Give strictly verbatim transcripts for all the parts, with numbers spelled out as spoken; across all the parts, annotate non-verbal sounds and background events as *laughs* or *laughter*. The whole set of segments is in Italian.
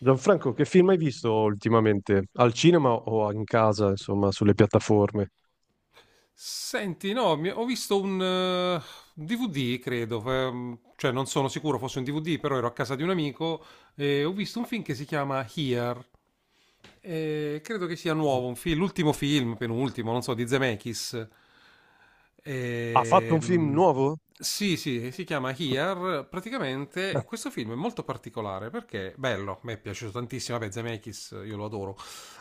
Gianfranco, che film hai visto ultimamente? Al cinema o in casa, insomma, sulle piattaforme? Senti, no, mi- ho visto un eh, un D V D, credo, ehm, cioè non sono sicuro fosse un D V D, però ero a casa di un amico e ho visto un film che si chiama Here. Eh, credo che sia Mhm. nuovo, un film, l'ultimo film, penultimo, non so, di Zemeckis. Ha fatto un film Ehm, nuovo? sì, sì, si chiama Here. Praticamente Ah. questo film è molto particolare perché bello, mi è piaciuto tantissimo. Vabbè, Zemeckis, io lo adoro.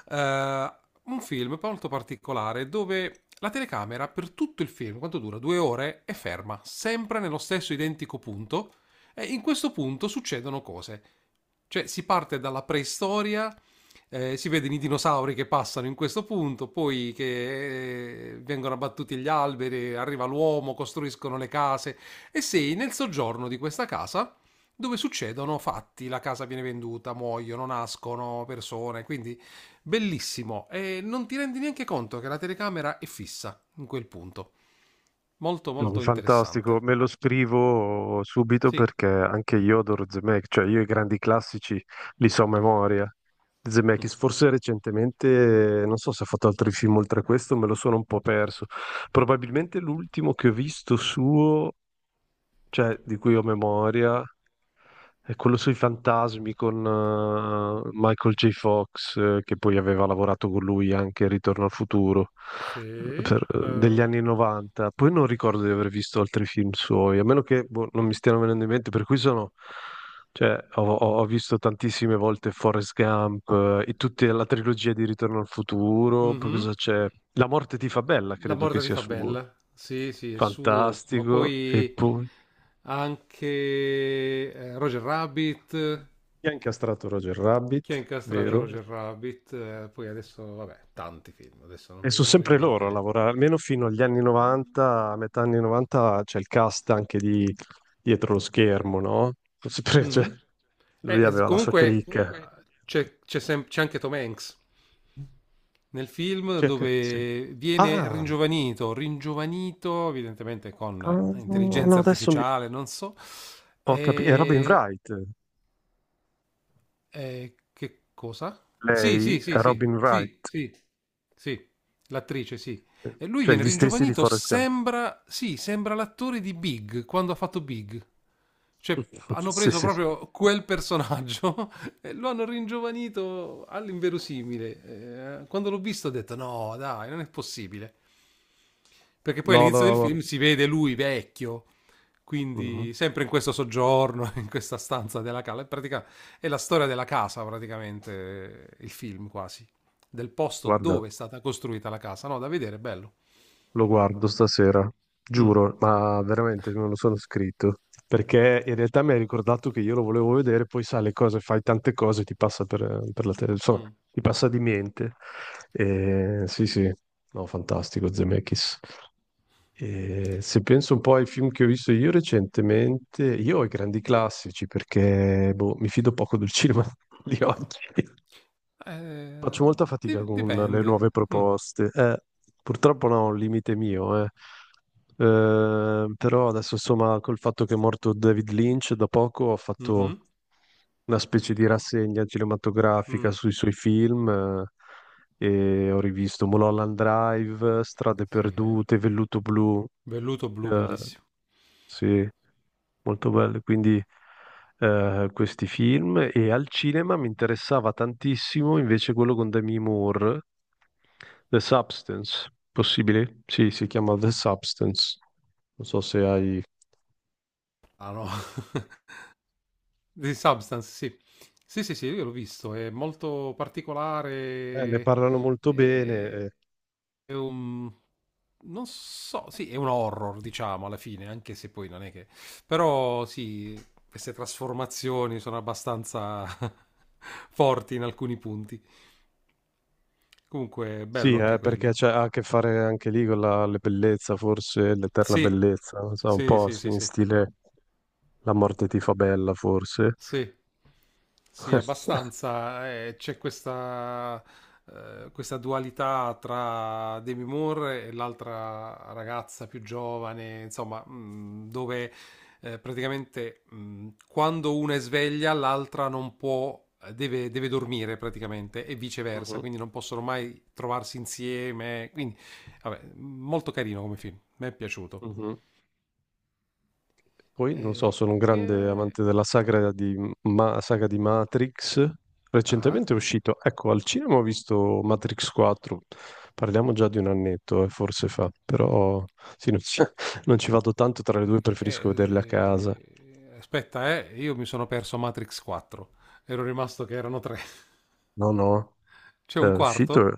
Eh, un film molto particolare dove la telecamera per tutto il film, quanto dura? Due ore, è ferma, sempre nello stesso identico punto. E in questo punto succedono cose. Cioè, si parte dalla preistoria, eh, si vedono i dinosauri che passano in questo punto, poi che eh, vengono abbattuti gli alberi, arriva l'uomo, costruiscono le case e sei nel soggiorno di questa casa dove succedono fatti, la casa viene venduta, muoiono, nascono persone, quindi bellissimo e non ti rendi neanche conto che la telecamera è fissa in quel punto. Molto No, molto fantastico, interessante. me lo scrivo subito Sì. perché anche io adoro Zemeckis, cioè io i grandi classici li so a memoria. Zemeckis, forse recentemente, non so se ha fatto altri film oltre a questo, me lo sono un po' perso. Probabilmente l'ultimo che ho visto suo, cioè, di cui ho memoria, è quello sui fantasmi con eh, Michael J. Fox, eh, che poi aveva lavorato con lui anche in Ritorno al futuro, eh, Sì, per- eh, degli que- anni novanta. Poi non ricordo di aver visto altri film suoi, a meno che boh, non mi stiano venendo in mente, per cui sono. Cioè, ho, ho- ho visto tantissime volte Forrest Gump eh, e tutta la trilogia di Ritorno al futuro. Poi Mhm. cosa c'è? La morte ti fa bella, La credo che morte ti sia fa suo. bella. Sì, sì, è suo, ma Fantastico. E poi poi, anche eh, Roger Rabbit. Chi ha incastrato Roger Rabbit, Chi ha sì, incastrato vero? Roger questo- Rabbit? Eh, poi adesso, vabbè, tanti film, adesso non E mi sono vengono in sempre mente loro a neanche. lavorare, almeno fino agli anni novanta, a metà anni novanta c'è il cast anche di dietro lo schermo, no? Sono sempre, *laughs* cioè, Mh-mh. Eh, lui e s aveva la sua comunque, cricca. Comunque. ehm, c'è c'è sem c'è anche Tom Hanks nel film Cioè, che- sì. dove viene Ah, ringiovanito, ringiovanito evidentemente con ah, no, intelligenza adesso mi- artificiale, non so, ho capito, è Robin ehm, Wright, eh, che cosa? Sì, lei sì, è sì, sì, Robin sì, Wright, sì, sì, l'attrice, sì. E lui cioè viene gli stessi di ringiovanito, Forrest Gump. sembra, sì, sembra l'attore di Big, quando ha fatto Big. Cioè, *laughs* hanno Sì, preso sì. proprio quel personaggio *laughs* e lo hanno ringiovanito all'inverosimile. Eh, quando l'ho visto ho detto, no, dai, non è possibile. Perché poi No, no, all'inizio del no, no. film si vede lui vecchio, Mhm. quindi sempre in questo soggiorno, *laughs* in questa stanza della cala, in pratica è la storia della casa, praticamente, il film quasi, del posto Guarda. dove è stata costruita la casa. No, da vedere, è bello. Lo guardo stasera, Mm. giuro, ma veramente me *laughs* lo sono scritto. Perché in realtà mi hai ricordato che io lo volevo vedere, poi sai le cose, fai tante cose, ti passa per, per la tele, insomma, Mm. ti passa di mente. E, sì, sì, no, fantastico Zemeckis. E se penso un po' ai film che ho visto io recentemente, io ho i grandi classici perché boh, mi fido poco del cinema *laughs* di oggi. Eh, Faccio molta fatica di- con le Dipende. nuove Mm. proposte. Eh, purtroppo no, è un limite mio, eh. Eh, però adesso insomma col fatto che è morto David Lynch da poco ho fatto Mhm. una specie di rassegna cinematografica Mm. sui suoi film, eh, e ho rivisto Mulholland Drive, Strade Sì. Perdute, Velluto Blu, Velluto blu, eh, bellissimo. sì, molto belle, quindi eh, questi film e al cinema mi interessava tantissimo invece quello con Demi Moore, The Substance, possibile? Sì, si chiama The Substance. Non so se hai. Ah no, *laughs* di Substance, sì. Sì, sì, sì, io l'ho visto, è molto Eh, ne particolare. parlano molto bene. eh. eh, è un... Non so, sì, è un horror, diciamo, alla fine, anche se poi non è che... Però sì, queste trasformazioni sono abbastanza *laughs* forti in alcuni punti. Comunque, Sì, bello anche eh, perché quello. c'è ha a che fare anche lì con la, la bellezza, forse, l'eterna Sì, bellezza, non so, un sì, po' sì, sì, sì, in sì. stile La morte ti fa bella, forse. Sì. Sì, *laughs* abbastanza. Eh, c'è questa, eh, questa dualità tra Demi Moore e l'altra ragazza più giovane, insomma, mh, dove eh, praticamente mh, quando una è sveglia, l'altra non può, deve, deve dormire praticamente e viceversa, Mhm, quindi non possono mai trovarsi insieme. Quindi, vabbè, molto carino come film, mi è piaciuto. mhm. Poi, non lo so, Eh, sono un grande che... amante della sagra di, ma- saga di Matrix. Ah? Recentemente è uscito, ecco, al cinema ho visto Matrix quattro. Parliamo già di un annetto, eh, forse fa, però sì, non ci, *laughs* non ci vado tanto tra le due, preferisco vederle a casa. Eh, eh, Aspetta, eh, io mi sono perso Matrix quattro. Ero rimasto che erano tre. No, no, *laughs* C'è è un uscito, quarto?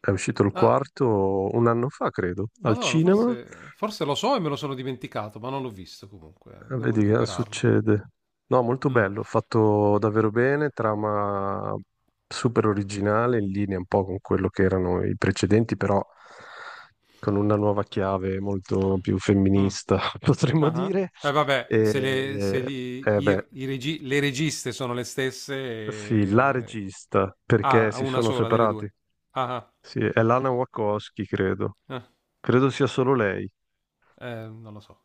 è uscito il Ah, quarto un anno fa, credo, al madonna, cinema. forse, forse lo so e me lo sono dimenticato, ma non l'ho visto comunque. eh, Eh, Devo Vedi che recuperarlo. succede. No, molto Mm. bello, fatto davvero bene, trama super originale, in linea un po' con quello che erano i precedenti, però con una nuova chiave molto più Mh. femminista, *laughs* potremmo Ah-ah. dire. Eh vabbè, E, se le se li eh i beh, r i regi le registe sono le stesse, sì, la ehm regista, perché ah, si una sono sola delle separati. due. Ah-ah. Sì, è Lana Wachowski, credo. Ah. Credo sia solo lei. Eh, non lo so.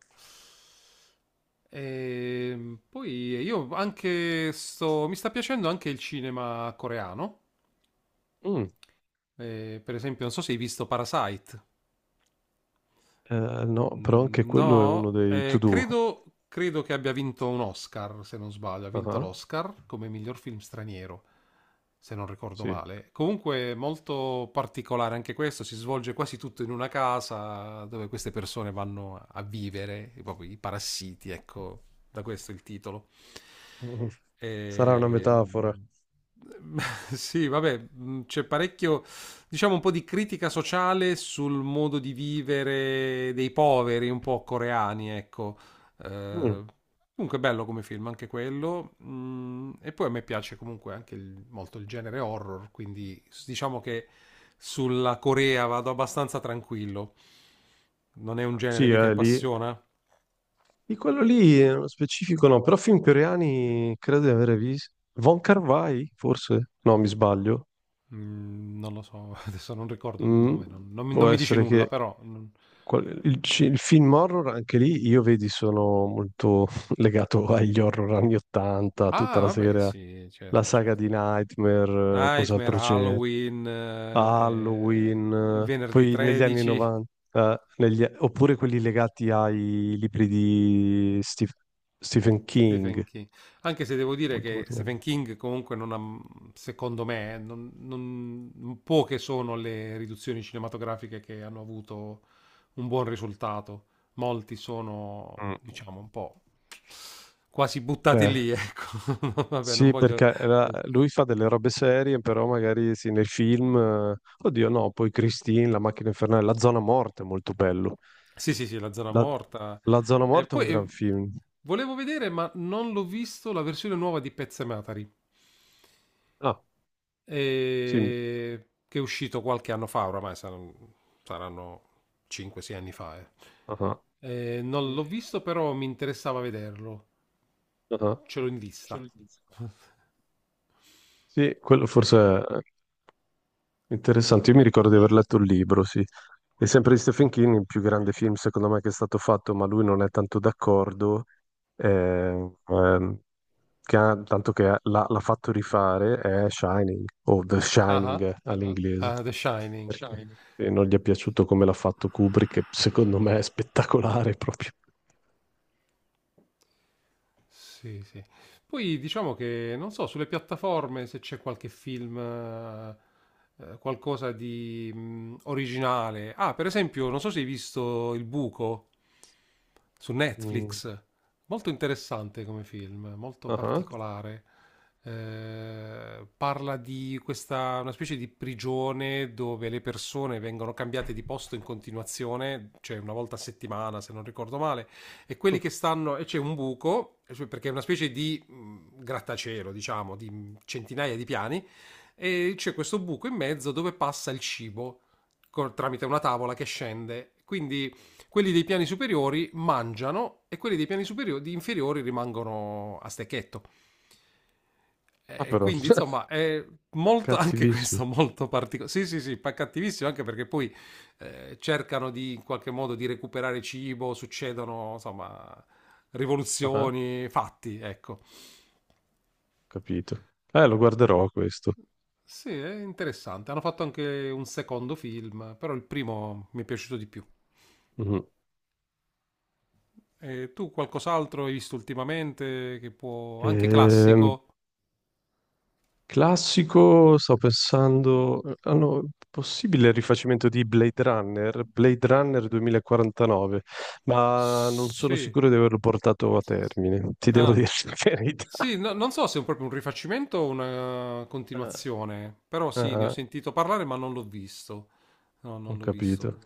Ehm, poi io anche sto mi sta piacendo anche il cinema coreano. Mm, Ehm, per esempio, non so se hai visto Parasite. eh, no, però anche Mm, quello è uno no, dei eh, to-do. credo, credo che abbia vinto un Oscar, se non sbaglio. Ha vinto Ah, l'Oscar come miglior film straniero, se non ricordo sì. male. Comunque molto particolare anche questo, si svolge quasi tutto in una casa dove queste persone vanno a vivere, proprio i parassiti, ecco, da questo il titolo. Mm. Sarà una E, *laughs* metafora. mh, sì, vabbè, mh, c'è parecchio, diciamo, un po' di critica sociale sul modo di vivere dei poveri, un po' coreani, ecco. Mm. Eh, Comunque bello come film, anche quello. Mm, e poi a me piace comunque anche il- molto il genere horror, quindi s- diciamo che sulla Corea vado abbastanza tranquillo. Non è un Ah, sì, genere che ti è lì. appassiona? Di quello lì, eh, nello specifico no, però film coreani credo di avere visto. Von Carvai, forse? No, mi sbaglio. Mm, non lo so, *laughs* adesso non ricordo il Mm, nome, non, non mi può non mi dice essere nulla, che però... non- qual- il, ci- il film horror, anche lì, io vedi, sono molto *laughs* legato agli horror anni ottanta, tutta Ah, la vabbè, serie, sì, la certo, saga certo. di Nightmare, eh, Nightmare, cos'altro c'era. Halloween, eh, eh, il Halloween, venerdì poi negli anni tredici. novanta, eh, negli- oppure quelli legati ai libri di Stef- Stephen King. Stephen King. Anche se devo dire Molto, che molto bello. Stephen King comunque non ha, secondo me, eh, non, non- poche sono le riduzioni cinematografiche che hanno avuto un buon risultato. Molti sono, Mm. diciamo, un po' quasi buttati Eh, lì, ecco. *laughs* Vabbè, non sì, voglio... perché era- eh, lui fa delle robe serie, però magari sì, nei film, eh, oddio no, poi Christine, La macchina infernale, La zona morta è molto bello. Sì, sì, sì, La zona La, morta. La zona E morta è un poi gran eh, film. volevo vedere, ma non l'ho visto, la versione nuova di Pezzematari. Ah, sì, mi- E che è uscito qualche anno fa, oramai saranno, saranno cinque sei anni fa. eh. ah, ah, Eh, non l'ho visto, però mi interessava vederlo. ah. Ce l'ho in vista. *laughs* Sì, quello forse è interessante, io mi ricordo di aver letto il libro, sì. È sempre di Stephen King, il più grande film secondo me che è stato fatto, ma lui non è tanto d'accordo, eh, ehm, che ha- tanto che l'ha l'ha fatto rifare, è Shining, o The Ah, Shining ah, eh, all'inglese, ah, The Shining. perché eh, non gli è piaciuto come l'ha fatto Kubrick, che secondo me è spettacolare proprio. Sì, sì. Poi diciamo che, non so, sulle piattaforme se c'è qualche film, eh, eh, qualcosa di mh, originale. Ah, per esempio, non so se hai visto Il Buco su Mm, Netflix. Molto interessante come film, molto ah, particolare. Eh, parla di questa, una specie di prigione dove le persone vengono cambiate di posto in continuazione, cioè una volta a settimana, se non ricordo male e quelli che ah, stanno e c'è un buco cioè, perché è una specie di mh, grattacielo, diciamo, di centinaia di piani e c'è questo buco in mezzo dove passa il cibo col- tramite una tavola che scende. Quindi quelli dei piani superiori mangiano e quelli dei piani superiori, inferiori rimangono a stecchetto. ah, Eh, però, quindi, insomma, *laughs* è molto *laughs* anche cattivissimo. questo molto particolare. Sì, sì, sì, pa- cattivissimo anche perché poi eh, cercano di in qualche modo di recuperare cibo, succedono insomma Ah, ah. rivoluzioni, fatti, ecco. Capito. Eh, lo guarderò questo. Sì, è interessante. Hanno fatto anche un secondo film, però il primo mi è piaciuto di più. Mhm. E tu qualcos'altro hai visto ultimamente che può... anche Ehm, classico? Classico, sto pensando, hanno possibile il rifacimento di Blade Runner, Blade Runner duemilaquarantanove, ma non sono Sì. sicuro di averlo portato a termine, ti devo Ah, dire *laughs* la verità. sì, no- non so se è proprio un rifacimento o una Ah, continuazione, però ah, sì, ne ho ah, sentito parlare ma non l'ho visto. No, ho non l'ho visto. capito.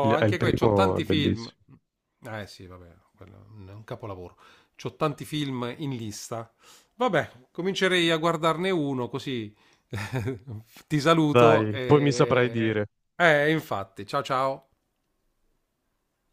Il- È il anche qui c'ho primo, è tanti film. bellissimo. Eh sì, vabbè, quello è un capolavoro. C'ho tanti film in lista. Vabbè, comincerei a guardarne uno così *laughs* ti saluto Dai, poi mi saprai e... dire. Eh, infatti, ciao ciao.